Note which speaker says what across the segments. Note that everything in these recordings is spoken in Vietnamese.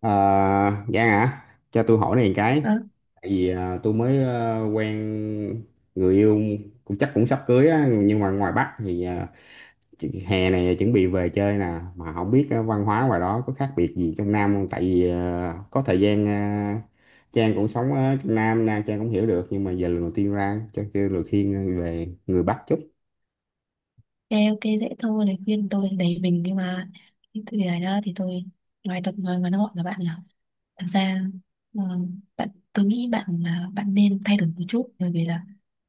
Speaker 1: À, Giang hả? Cho tôi hỏi này một cái.
Speaker 2: Vâng,
Speaker 1: Tại vì tôi mới quen người yêu cũng chắc cũng sắp cưới á, nhưng mà ngoài Bắc thì hè này chuẩn bị về chơi nè, mà không biết văn hóa ngoài đó có khác biệt gì trong Nam không? Tại vì có thời gian Trang cũng sống ở trong Nam, Nam Trang cũng hiểu được, nhưng mà giờ lần đầu tiên ra cho kêu lời khuyên về người Bắc chút.
Speaker 2: ok ok, dễ thôi, lời khuyên tôi là đầy mình. Nhưng mà cái từ này đó thì tôi ngoài tập nói ngắn gọn là bạn là thực ra ờ, bạn, tôi nghĩ bạn là bạn nên thay đổi một chút, bởi vì là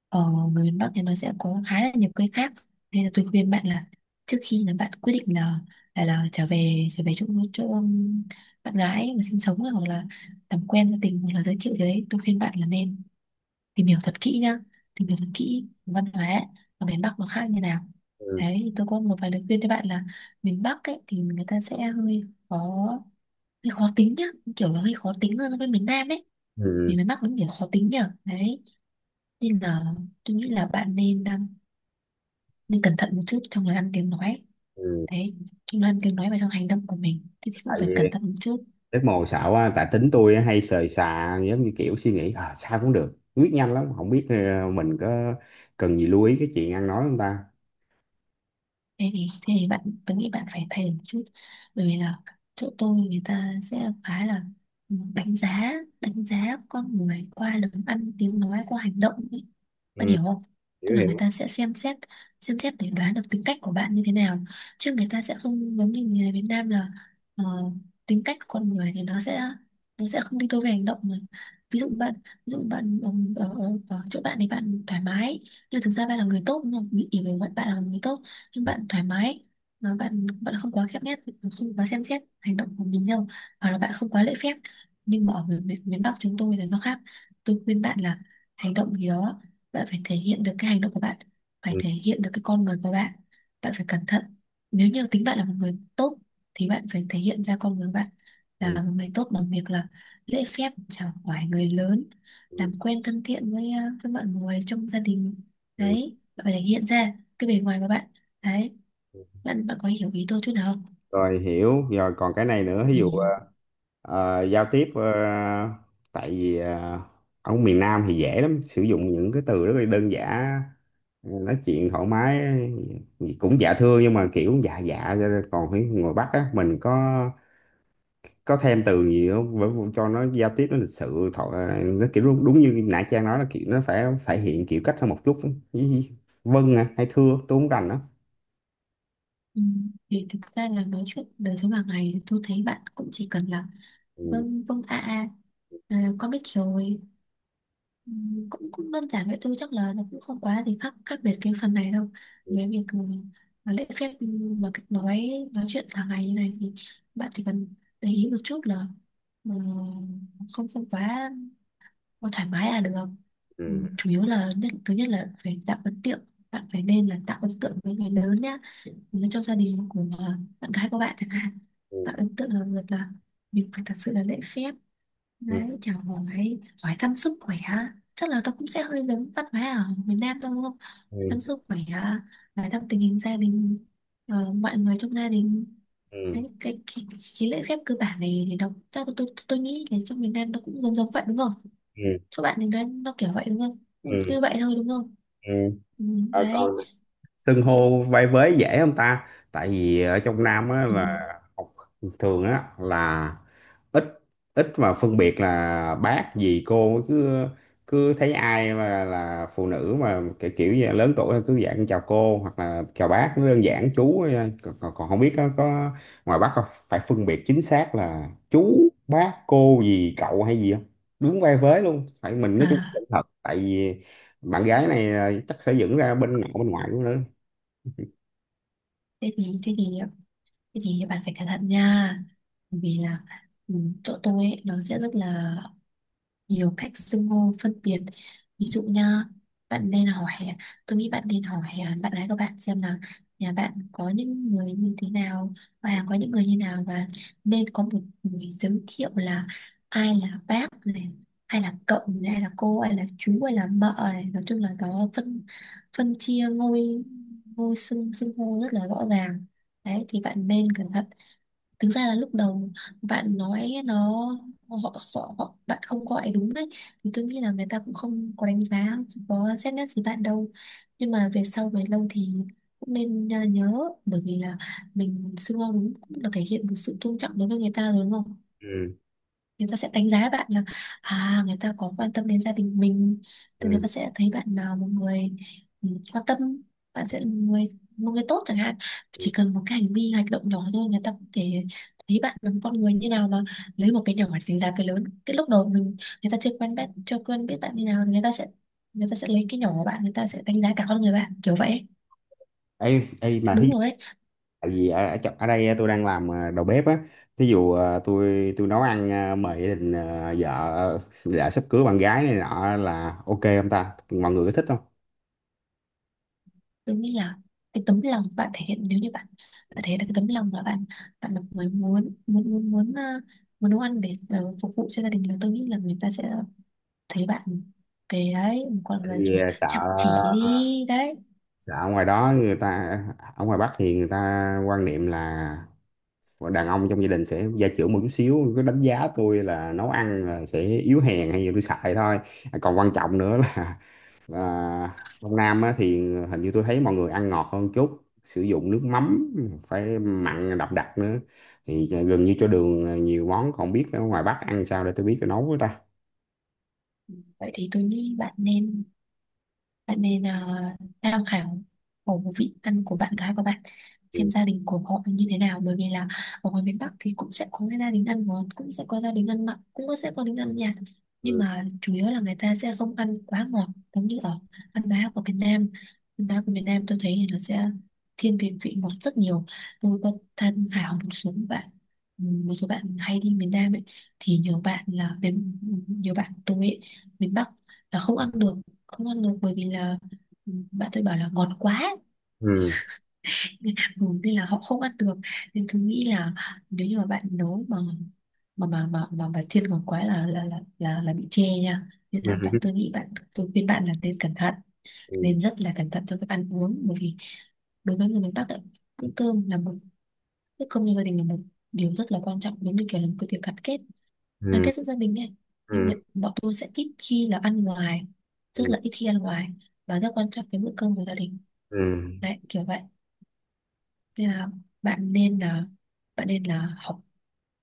Speaker 2: ở người miền Bắc thì nó sẽ có khá là nhiều cây khác, nên là tôi khuyên bạn là trước khi là bạn quyết định là là trở về chỗ chỗ bạn gái mà sinh sống, hoặc là làm quen gia tình, hoặc là giới thiệu gì đấy, tôi khuyên bạn là nên tìm hiểu thật kỹ nhá, tìm hiểu thật kỹ văn hóa ở miền Bắc nó khác như nào.
Speaker 1: Ừ.
Speaker 2: Đấy, thì tôi có một vài lời khuyên cho bạn là miền Bắc ấy thì người ta sẽ hơi khó, hơi khó tính nhá, kiểu là hơi khó tính hơn so với miền Nam ấy.
Speaker 1: Ừ.
Speaker 2: Vì miền Bắc nó kiểu khó tính nhở đấy, nên là tôi nghĩ là bạn nên đang nên cẩn thận một chút trong lời ăn tiếng nói.
Speaker 1: Ừ.
Speaker 2: Đấy, trong lời ăn tiếng nói và trong hành động của mình thì cũng
Speaker 1: Tại
Speaker 2: phải
Speaker 1: vì
Speaker 2: cẩn thận một chút.
Speaker 1: Rất mồ xạo quá, tại tính tôi á, hay sời xà giống như kiểu suy nghĩ sao cũng được, quyết nhanh lắm, không biết mình có cần gì lưu ý cái chuyện ăn nói không ta.
Speaker 2: Thế thì bạn, tôi nghĩ bạn phải thay đổi một chút, bởi vì là chỗ tôi người ta sẽ khá là đánh giá, đánh giá con người qua lời ăn tiếng nói, qua hành động ấy. Bạn
Speaker 1: Ừ,
Speaker 2: hiểu không?
Speaker 1: hiểu
Speaker 2: Tức là người
Speaker 1: hiểu.
Speaker 2: ta sẽ xem xét, xem xét để đoán được tính cách của bạn như thế nào, chứ người ta sẽ không giống như người Việt Nam là ờ, tính cách của con người thì nó sẽ, nó sẽ không đi đôi với hành động mà. Ví dụ bạn, ví dụ bạn ở, ở ở chỗ bạn thì bạn thoải mái, nhưng thực ra bạn là người tốt, nhưng bị hiểu người bạn, bạn là người tốt nhưng bạn thoải mái, mà bạn bạn không quá khép nép, không quá xem xét hành động của mình đâu, hoặc là bạn không quá lễ phép. Nhưng mà ở miền, miền miền Bắc chúng tôi là nó khác. Tôi khuyên bạn là hành động gì đó bạn phải thể hiện được cái hành động của bạn, phải
Speaker 1: Ừ,
Speaker 2: thể hiện được cái con người của bạn. Bạn phải cẩn thận, nếu như tính bạn là một người tốt thì bạn phải thể hiện ra con người bạn
Speaker 1: ừ,
Speaker 2: là một người tốt bằng việc là lễ phép chào hỏi người lớn,
Speaker 1: ừ,
Speaker 2: làm quen thân thiện với với mọi người trong gia đình.
Speaker 1: ừ.
Speaker 2: Đấy, bạn phải thể hiện ra cái bề ngoài của bạn. Đấy, bạn bạn có hiểu ý tôi chút nào không?
Speaker 1: Rồi hiểu, rồi còn cái này nữa, ví dụ
Speaker 2: Ừ.
Speaker 1: giao tiếp tại vì ở miền Nam thì dễ lắm, sử dụng những cái từ rất là đơn giản, nói chuyện thoải mái cũng dạ thưa nhưng mà kiểu dạ dạ cho nên còn phải người Bắc á, mình có thêm từ gì không bởi vì cho nó giao tiếp nó lịch sự thọ nó kiểu đúng, đúng như nãy Trang nói là kiểu nó phải phải hiện kiểu cách hơn một chút. Ý- ý, vâng hay thưa tôi không rành đó.
Speaker 2: Ừ. Thì thực ra là nói chuyện đời sống hàng ngày thì tôi thấy bạn cũng chỉ cần là
Speaker 1: Ừ,
Speaker 2: vâng vâng a a, à, con biết rồi. Ừ. cũng cũng đơn giản vậy thôi, chắc là nó cũng không quá gì khác khác biệt cái phần này đâu. Với việc mà lễ phép, mà cách nói chuyện hàng ngày như này thì bạn chỉ cần để ý một chút là ờ, không không quá. Ôi, thoải mái là được không? Ừ,
Speaker 1: ừ,
Speaker 2: chủ yếu là nhất thứ nhất là phải tạo ấn tượng, bạn phải nên là tạo ấn tượng với người lớn nhá. Nếu trong gia đình của bạn gái của bạn chẳng hạn,
Speaker 1: ừ,
Speaker 2: tạo ấn tượng là việc là mình phải thật sự là lễ phép.
Speaker 1: ừ,
Speaker 2: Đấy, chào hỏi, hỏi thăm sức khỏe, chắc là nó cũng sẽ hơi giống văn hóa ở miền Nam thôi, đúng không? Thăm
Speaker 1: ừ,
Speaker 2: sức khỏe, hỏi thăm tình hình gia đình, mọi người trong gia đình. Đấy,
Speaker 1: ừ,
Speaker 2: cái lễ phép cơ bản này thì nó chắc là tôi nghĩ là trong miền Nam nó cũng giống giống vậy đúng không?
Speaker 1: ừ,
Speaker 2: Các bạn nên nói nó kiểu vậy đúng không? Ừ, cứ
Speaker 1: ừ.
Speaker 2: vậy thôi đúng không?
Speaker 1: Ừ.
Speaker 2: Ừ,
Speaker 1: Ờ, còn
Speaker 2: đấy.
Speaker 1: xưng hô vai vế dễ không ta tại vì ở trong Nam á
Speaker 2: Ừ.
Speaker 1: là học thường á là ít ít mà phân biệt là bác gì cô cứ cứ thấy ai mà là phụ nữ mà kiểu kiểu như là lớn tuổi là cứ dạng chào cô hoặc là chào bác nó đơn giản chú thôi, nha. Còn, còn còn không biết có ngoài bác không phải phân biệt chính xác là chú bác cô gì cậu hay gì không, đúng vai vế luôn phải mình nói chung là
Speaker 2: À,
Speaker 1: thật tại vì bạn gái này chắc sẽ dựng ra bên nội bên ngoại cũng nữa.
Speaker 2: thế thì thế thì thế thì bạn phải cẩn thận nha, bởi vì là ừ, chỗ tôi ấy, nó sẽ rất là nhiều cách xưng hô phân biệt. Ví dụ nha, bạn nên hỏi, tôi nghĩ bạn nên hỏi bạn gái của bạn xem là nhà bạn có những người như thế nào, và có những người như nào, và nên có một người giới thiệu là ai là bác này, ai là cậu này, ai là cô, ai là chú, ai là mợ này. Nói chung là nó phân phân chia ngôi ngôi xưng xưng hô rất là rõ ràng. Đấy, thì bạn nên cẩn thận. Thực ra là lúc đầu bạn nói nó họ, họ, bạn không gọi đúng ấy, thì tôi nghĩ là người ta cũng không có đánh giá, không có xét nét gì bạn đâu. Nhưng mà về sau về lâu thì cũng nên nhớ, bởi vì là mình xưng hô đúng cũng là thể hiện một sự tôn trọng đối với người ta rồi đúng không?
Speaker 1: Ừ.
Speaker 2: Người ta sẽ đánh giá bạn là à người ta có quan tâm đến gia đình mình, thì người ta
Speaker 1: Ừ.
Speaker 2: sẽ thấy bạn là một người quan tâm. Bạn sẽ là một người, một người tốt chẳng hạn. Chỉ cần một cái hành vi hành động nhỏ thôi người ta có thể thấy bạn là một con người như nào. Mà lấy một cái nhỏ để đánh giá cái lớn, cái lúc đầu mình, người ta chưa quen bạn, chưa quen biết bạn như nào, người ta sẽ, người ta sẽ lấy cái nhỏ của bạn, người ta sẽ đánh giá cả con người bạn kiểu vậy.
Speaker 1: Ấy ấy mà thí
Speaker 2: Đúng
Speaker 1: dụ,
Speaker 2: rồi đấy.
Speaker 1: tại vì ở ở, ở đây á, tôi đang làm đầu bếp á, thí dụ tôi nấu ăn mời gia đình ờ, vợ sắp cưới bạn gái này nọ là ok không ta, mọi người có thích không?
Speaker 2: Tôi nghĩ là cái tấm lòng bạn thể hiện, nếu như bạn, bạn thể hiện được cái tấm lòng là bạn, bạn là người muốn muốn muốn muốn ờ, muốn nấu ăn để phục vụ cho gia đình, là tôi nghĩ là người ta sẽ thấy bạn cái đấy một con
Speaker 1: Tại
Speaker 2: người
Speaker 1: vì
Speaker 2: kiểu
Speaker 1: sợ
Speaker 2: chăm chỉ đi đấy.
Speaker 1: sợ ở ngoài đó người ta, ở ngoài Bắc thì người ta quan niệm là còn đàn ông trong gia đình sẽ gia trưởng một chút xíu, cứ đánh giá tôi là nấu ăn là sẽ yếu hèn hay gì tôi xài thôi. À, còn quan trọng nữa là, là trong Nam á, thì hình như tôi thấy mọi người ăn ngọt hơn chút, sử dụng nước mắm phải mặn đậm đặc nữa, thì gần như cho đường nhiều món, còn biết ở ngoài Bắc ăn sao để tôi biết tôi nấu với ta.
Speaker 2: Vậy thì tôi nghĩ bạn nên, bạn nên tham khảo khẩu vị ăn của bạn gái của bạn,
Speaker 1: Ừ,
Speaker 2: xem gia đình của họ như thế nào. Bởi vì là ở ngoài miền Bắc thì cũng sẽ có cái gia đình ăn ngon, cũng sẽ có gia đình ăn mặn, sẽ có gia đình ăn nhạt, nhưng
Speaker 1: ừ,
Speaker 2: mà chủ yếu là người ta sẽ không ăn quá ngọt. Giống như ở ăn bá của Việt Nam, ăn bá của Việt Nam tôi thấy thì nó sẽ thiên về vị ngọt rất nhiều. Tôi có tham khảo một số bạn, một số bạn hay đi miền Nam ấy, thì nhiều bạn là miền, nhiều bạn tôi ấy miền Bắc là không ăn được, không ăn được, bởi vì là bạn tôi bảo là ngọt quá,
Speaker 1: ừ,
Speaker 2: nên, Ừ, nên là họ không ăn được. Nên tôi nghĩ là nếu như mà bạn nấu mà thiên ngọt quá là là bị chê nha. Nên là bạn,
Speaker 1: ừ,
Speaker 2: tôi nghĩ bạn, tôi khuyên bạn là nên cẩn thận,
Speaker 1: ừ,
Speaker 2: nên rất là cẩn thận trong việc ăn uống, bởi vì đối với người miền Bắc ấy, bữa cơm là một, bữa cơm trong gia đình là một điều rất là quan trọng, giống như kiểu là một cái việc gắn kết, gắn
Speaker 1: ừ,
Speaker 2: kết giữa gia đình ấy. Nên
Speaker 1: ừ,
Speaker 2: là bọn tôi sẽ ít khi là ăn ngoài, rất là ít khi ăn ngoài, và rất quan trọng cái bữa cơm của gia đình.
Speaker 1: ừ.
Speaker 2: Đấy, kiểu vậy. Nên là bạn nên là, bạn nên là học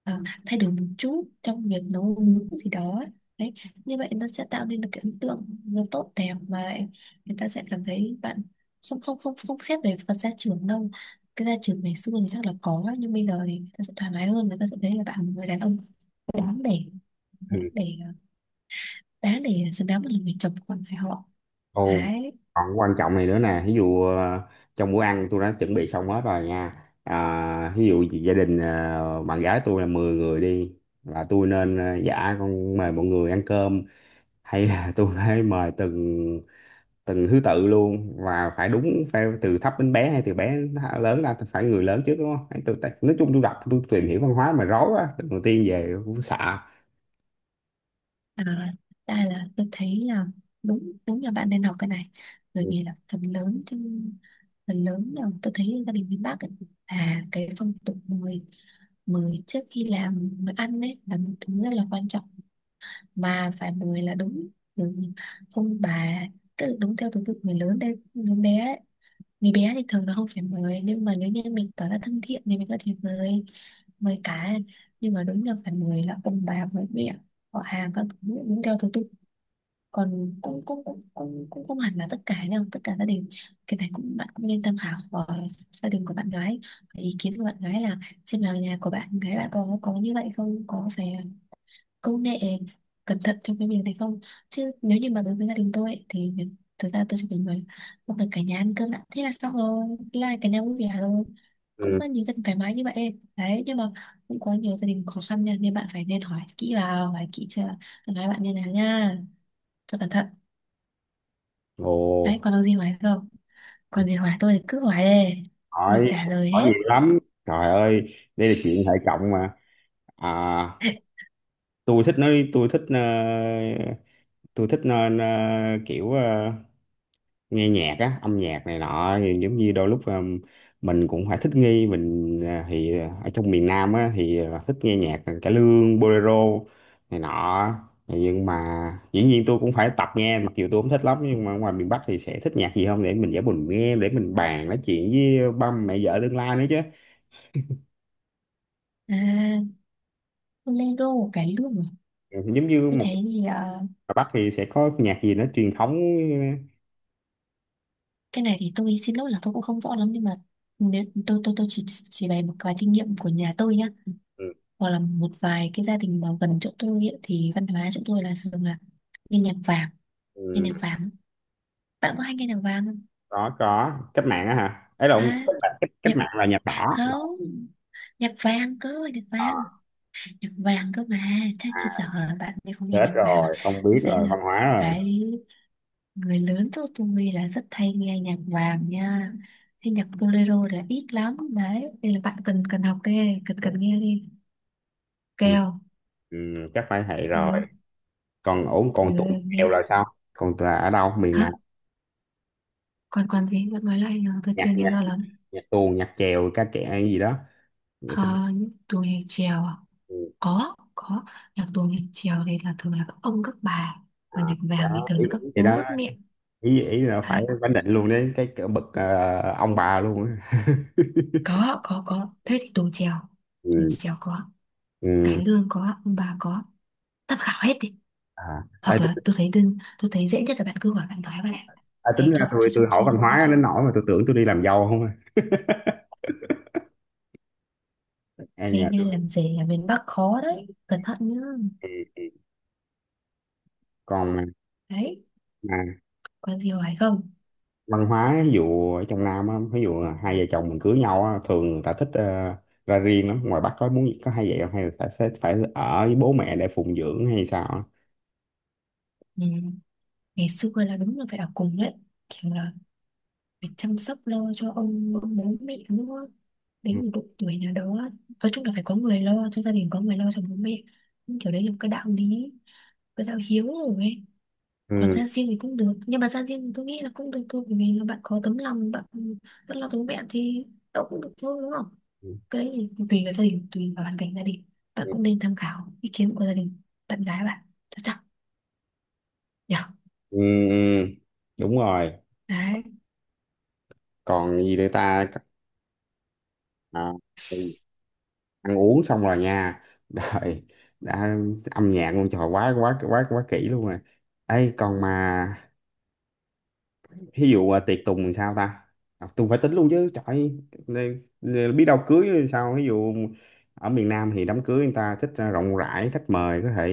Speaker 2: à, thay đổi một chút trong việc nấu nướng gì đó ấy. Đấy, như vậy nó sẽ tạo nên được cái ấn tượng nó tốt đẹp, mà lại người ta sẽ cảm thấy bạn không không không không xét về phần gia trưởng đâu. Cái gia trưởng ngày xưa thì chắc là có, nhưng bây giờ thì người ta sẽ thoải mái hơn, người ta sẽ thấy là bạn là một người đàn ông đáng để, đáng
Speaker 1: Ừ.
Speaker 2: để, đáng để xứng đáng một người chồng con phải họ.
Speaker 1: Ồ,
Speaker 2: Đấy.
Speaker 1: còn quan trọng này nữa nè, ví dụ trong bữa ăn tôi đã chuẩn bị xong hết rồi nha. À, ví dụ gia đình bạn gái tôi là 10 người đi, là tôi nên dạ con mời mọi người ăn cơm hay là tôi phải mời từng từng thứ tự luôn và phải đúng, phải từ thấp đến bé hay từ bé đến lớn ra, phải người lớn trước đúng không? Hay tôi, nói chung tôi đọc tôi tìm hiểu văn hóa mà rối quá, đầu tiên về cũng sợ.
Speaker 2: À, đây là tôi thấy là đúng, đúng là bạn nên học cái này, bởi
Speaker 1: Ừ.
Speaker 2: vì là phần lớn trong, phần lớn là tôi thấy gia đình miền Bắc ấy, là cái phong tục mời, mời trước khi làm mời ăn, đấy là một thứ rất là quan trọng. Mà phải mời là đúng từ ông bà, tức là đúng theo thứ tự người lớn đến người bé ấy. Người bé thì thường là không phải mời, nhưng mà nếu như mình tỏ ra thân thiện thì mình có thể mời mời cả. Nhưng mà đúng là phải mời là ông bà, mời mẹ, họ hàng các thứ đúng theo thứ tự. Còn cũng cũng cũng cũng, cũng không hẳn là tất cả đâu, tất cả gia đình. Cái này cũng bạn cũng nên tham khảo của gia đình của bạn gái. Và ý kiến của bạn gái là xem là nhà của bạn gái bạn có như vậy không, có phải công nghệ cẩn thận trong cái việc này không. Chứ nếu như mà đối với gia đình tôi ấy, thì thực ra tôi chỉ cần người không cần cả nhà ăn cơm đã, thế là xong rồi, thế là cả nhà vui vẻ rồi. Cũng
Speaker 1: Ừ.
Speaker 2: có nhiều gia đình thoải mái như vậy đấy, nhưng mà cũng có nhiều gia đình khó khăn nha, nên bạn phải nên hỏi kỹ vào, hỏi kỹ chưa, nói bạn như nào nha, cho cẩn thận.
Speaker 1: Ồ,
Speaker 2: Đấy, còn được gì hỏi không? Còn gì hỏi tôi thì cứ hỏi đi. Tôi
Speaker 1: hỏi
Speaker 2: trả lời
Speaker 1: hỏi nhiều
Speaker 2: hết.
Speaker 1: lắm. Trời ơi, đây là chuyện hệ trọng mà. À, tôi thích nói, tôi thích tôi thích kiểu nghe nhạc á, âm nhạc này nọ, thì giống như đôi lúc mình cũng phải thích nghi mình thì ở trong miền Nam á thì thích nghe nhạc cải lương, bolero này nọ. Nhưng mà dĩ nhiên tôi cũng phải tập nghe mặc dù tôi không thích lắm, nhưng mà ngoài miền Bắc thì sẽ thích nhạc gì không để mình giả mình nghe để mình bàn nói chuyện với ba mẹ vợ tương lai nữa chứ.
Speaker 2: À, Bolero, của cải lương à?
Speaker 1: Ừ, giống như
Speaker 2: Tôi
Speaker 1: một
Speaker 2: thấy thì
Speaker 1: ở Bắc thì sẽ có nhạc gì nó truyền thống.
Speaker 2: cái này thì tôi xin lỗi là tôi cũng không rõ lắm, nhưng mà nếu tôi chỉ bày một vài kinh nghiệm của nhà tôi nhá,
Speaker 1: Ừ,
Speaker 2: hoặc là một vài cái gia đình mà gần chỗ tôi ấy, thì văn hóa chỗ tôi là thường là nghe nhạc vàng, nghe
Speaker 1: ừ.
Speaker 2: nhạc vàng. Bạn có hay nghe nhạc vàng không?
Speaker 1: Có cách mạng á hả, ấy là ông
Speaker 2: À,
Speaker 1: cách, cách cách
Speaker 2: nhạc
Speaker 1: mạng là nhà đỏ.
Speaker 2: không, nhạc vàng cơ, nhạc
Speaker 1: Ờ,
Speaker 2: vàng, nhạc vàng cơ mà. Chắc
Speaker 1: à,
Speaker 2: chị sợ là bạn ấy không nghe
Speaker 1: chết
Speaker 2: nhạc vàng à.
Speaker 1: rồi không
Speaker 2: Tôi
Speaker 1: biết
Speaker 2: thấy
Speaker 1: rồi
Speaker 2: là
Speaker 1: văn hóa rồi.
Speaker 2: cái người lớn chỗ tôi là rất hay nghe nhạc vàng nha. Thế nhạc bolero là ít lắm đấy, nên là bạn cần cần học đi, cần cần nghe đi,
Speaker 1: Ừ.
Speaker 2: kèo.
Speaker 1: Ừ, chắc phải vậy rồi.
Speaker 2: Ừ,
Speaker 1: Còn ổn
Speaker 2: ừ,
Speaker 1: còn tuồng
Speaker 2: nghe.
Speaker 1: chèo là sao, còn là ở đâu miền
Speaker 2: Hả?
Speaker 1: nào?
Speaker 2: Còn còn gì bạn nói lại nhờ, tôi chưa
Speaker 1: Nhạc
Speaker 2: nghe
Speaker 1: nhạc,
Speaker 2: rõ lắm.
Speaker 1: nhạc tuồng nhạc chèo ca kệ hay gì đó. Nghĩa
Speaker 2: À, tuồng nhạc chèo à?
Speaker 1: ừ,
Speaker 2: Có, nhạc tuồng nhạc chèo thì là thường là các ông các bà,
Speaker 1: à,
Speaker 2: còn nhạc vàng thì
Speaker 1: đó,
Speaker 2: thường
Speaker 1: ý,
Speaker 2: là các
Speaker 1: ý thì
Speaker 2: bố
Speaker 1: đó,
Speaker 2: các mẹ.
Speaker 1: ý ý là phải
Speaker 2: Đấy.
Speaker 1: bánh định luôn đấy cái cỡ bậc ông bà luôn á.
Speaker 2: Có, thế thì đồ chèo, đồ
Speaker 1: Ừ.
Speaker 2: chèo có,
Speaker 1: Ừ.
Speaker 2: cải lương có, ông bà có, tham khảo hết đi.
Speaker 1: À, ê,
Speaker 2: Hoặc là
Speaker 1: tính-
Speaker 2: tôi thấy đơn, tôi thấy dễ nhất là bạn cứ hỏi bạn gái bạn ạ.
Speaker 1: à, tính
Speaker 2: Đấy,
Speaker 1: ra
Speaker 2: cho
Speaker 1: tôi
Speaker 2: cho cho
Speaker 1: tôi hỏi
Speaker 2: cho
Speaker 1: văn hóa đến nỗi mà tôi tưởng tôi đi làm dâu không à. Ai
Speaker 2: nghe
Speaker 1: nhờ
Speaker 2: nghe
Speaker 1: tôi.
Speaker 2: làm gì, là miền Bắc khó đấy, cẩn thận nhá.
Speaker 1: Ừ. Còn
Speaker 2: Đấy,
Speaker 1: mà,
Speaker 2: có gì hỏi không?
Speaker 1: văn hóa ví dụ ở trong Nam á, ví dụ là hai vợ chồng mình cưới nhau á, thường người ta thích ra riêng lắm, ngoài Bắc có muốn có hai vợ chồng hay là phải phải, phải ở với bố mẹ để phụng dưỡng hay sao á?
Speaker 2: Ừ. Ngày xưa là đúng là phải ở cùng đấy, kiểu là phải chăm sóc lo cho ông bố mẹ nữa
Speaker 1: Ừ.
Speaker 2: đến một độ tuổi nào đó. Nói chung là phải có người lo cho gia đình, có người lo cho bố mẹ. Nhưng kiểu đấy là một cái đạo lý, cái đạo hiếu rồi ấy. Còn
Speaker 1: Ừ.
Speaker 2: ra riêng thì cũng được, nhưng mà ra riêng thì tôi nghĩ là cũng được thôi, bởi vì là bạn có tấm lòng, bạn vẫn lo cho bố mẹ thì đâu cũng được thôi, đúng không.
Speaker 1: Ừ.
Speaker 2: Cái đấy thì tùy vào gia đình, tùy vào hoàn cảnh gia đình. Bạn
Speaker 1: Ừ.
Speaker 2: cũng nên tham khảo ý kiến của gia đình bạn gái bạn chắc chắn nhở.
Speaker 1: Ừ. Đúng rồi.
Speaker 2: Đấy.
Speaker 1: Còn gì nữa ta? À, thì ăn uống xong rồi nha, rồi đã, âm nhạc luôn trời quá quá quá quá kỹ luôn rồi. Ấy còn mà, ví dụ tiệc tùng thì sao ta, à, tùng phải tính luôn chứ trời ơi, nên biết đâu cưới thì sao, ví dụ ở miền Nam thì đám cưới người ta thích rộng rãi khách mời, có thể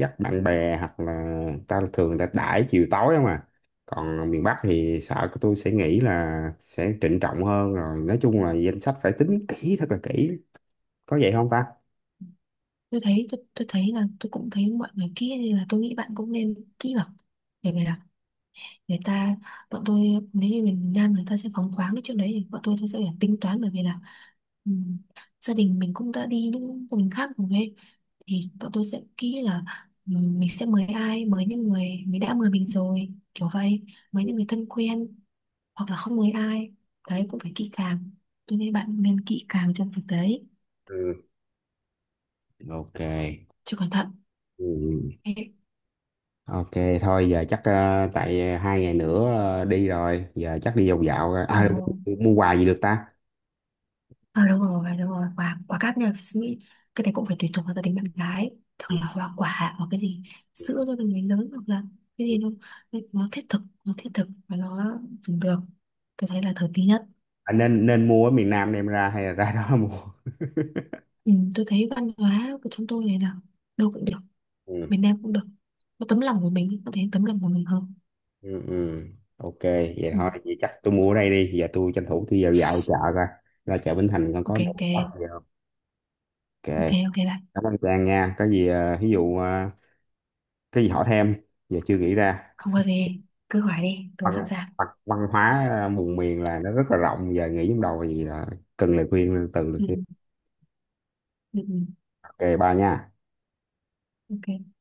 Speaker 1: dắt bạn bè hoặc là ta thường người ta đãi chiều tối không à, còn miền Bắc thì sợ của tôi sẽ nghĩ là sẽ trịnh trọng hơn, rồi nói chung là danh sách phải tính kỹ thật là kỹ, có vậy không ta?
Speaker 2: Tôi thấy là tôi cũng thấy mọi người kia, nên là tôi nghĩ bạn cũng nên kỹ vào để này. Người ta, bọn tôi, nếu như miền Nam người ta sẽ phóng khoáng cái chuyện đấy, thì bọn tôi sẽ phải tính toán, bởi vì là ừm, gia đình mình cũng đã đi những gia đình khác rồi ấy. Thì bọn tôi sẽ kỹ là mình sẽ mời ai, mời những người mình đã mời mình rồi, kiểu vậy, mời những người thân quen, hoặc là không mời ai. Đấy cũng phải kỹ càng, tôi nghĩ bạn nên kỹ càng trong việc đấy,
Speaker 1: Ừ. Ok.
Speaker 2: chứ cẩn thận.
Speaker 1: Ừ.
Speaker 2: Ê,
Speaker 1: Ok, thôi giờ chắc tại 2 ngày nữa đi rồi, giờ chắc đi vòng dạo coi.
Speaker 2: ờ,
Speaker 1: À, mua quà gì được ta,
Speaker 2: ờ đúng rồi, quả, quả cát nha, suy nghĩ. Cái này cũng phải tùy thuộc vào gia đình bạn gái. Thường là hoa quả, hoặc cái gì sữa cho mình người lớn, hoặc là cái gì nó nó thiết thực và nó dùng được. Tôi thấy là thời tí nhất.
Speaker 1: à, nên nên mua ở miền Nam đem ra hay là ra đó mua?
Speaker 2: Ừ, tôi thấy văn hóa của chúng tôi này là đâu cũng được,
Speaker 1: Ừ,
Speaker 2: miền Nam cũng được, có tấm lòng của mình, có thể tấm lòng của mình hơn.
Speaker 1: ừ, ừ. Ok, vậy
Speaker 2: Ừ,
Speaker 1: thôi, vậy chắc tôi mua ở đây đi, giờ tôi tranh thủ tôi vào dạo chợ coi, ra chợ Bến Thành con
Speaker 2: ok.
Speaker 1: có
Speaker 2: Ok,
Speaker 1: đồ bắt gì không? Ok.
Speaker 2: ok, ok bạn.
Speaker 1: Cảm ơn Trang nha, có gì ví dụ cái gì hỏi thêm giờ chưa nghĩ ra.
Speaker 2: Không có gì, cứ hỏi đi,
Speaker 1: Văn
Speaker 2: tôi sẵn sàng.
Speaker 1: văn, văn hóa vùng miền là nó rất là rộng, giờ nghĩ trong đầu gì là cần lời khuyên từ
Speaker 2: ừ,
Speaker 1: được.
Speaker 2: ừ, ừ,
Speaker 1: Ok ba nha.
Speaker 2: ok.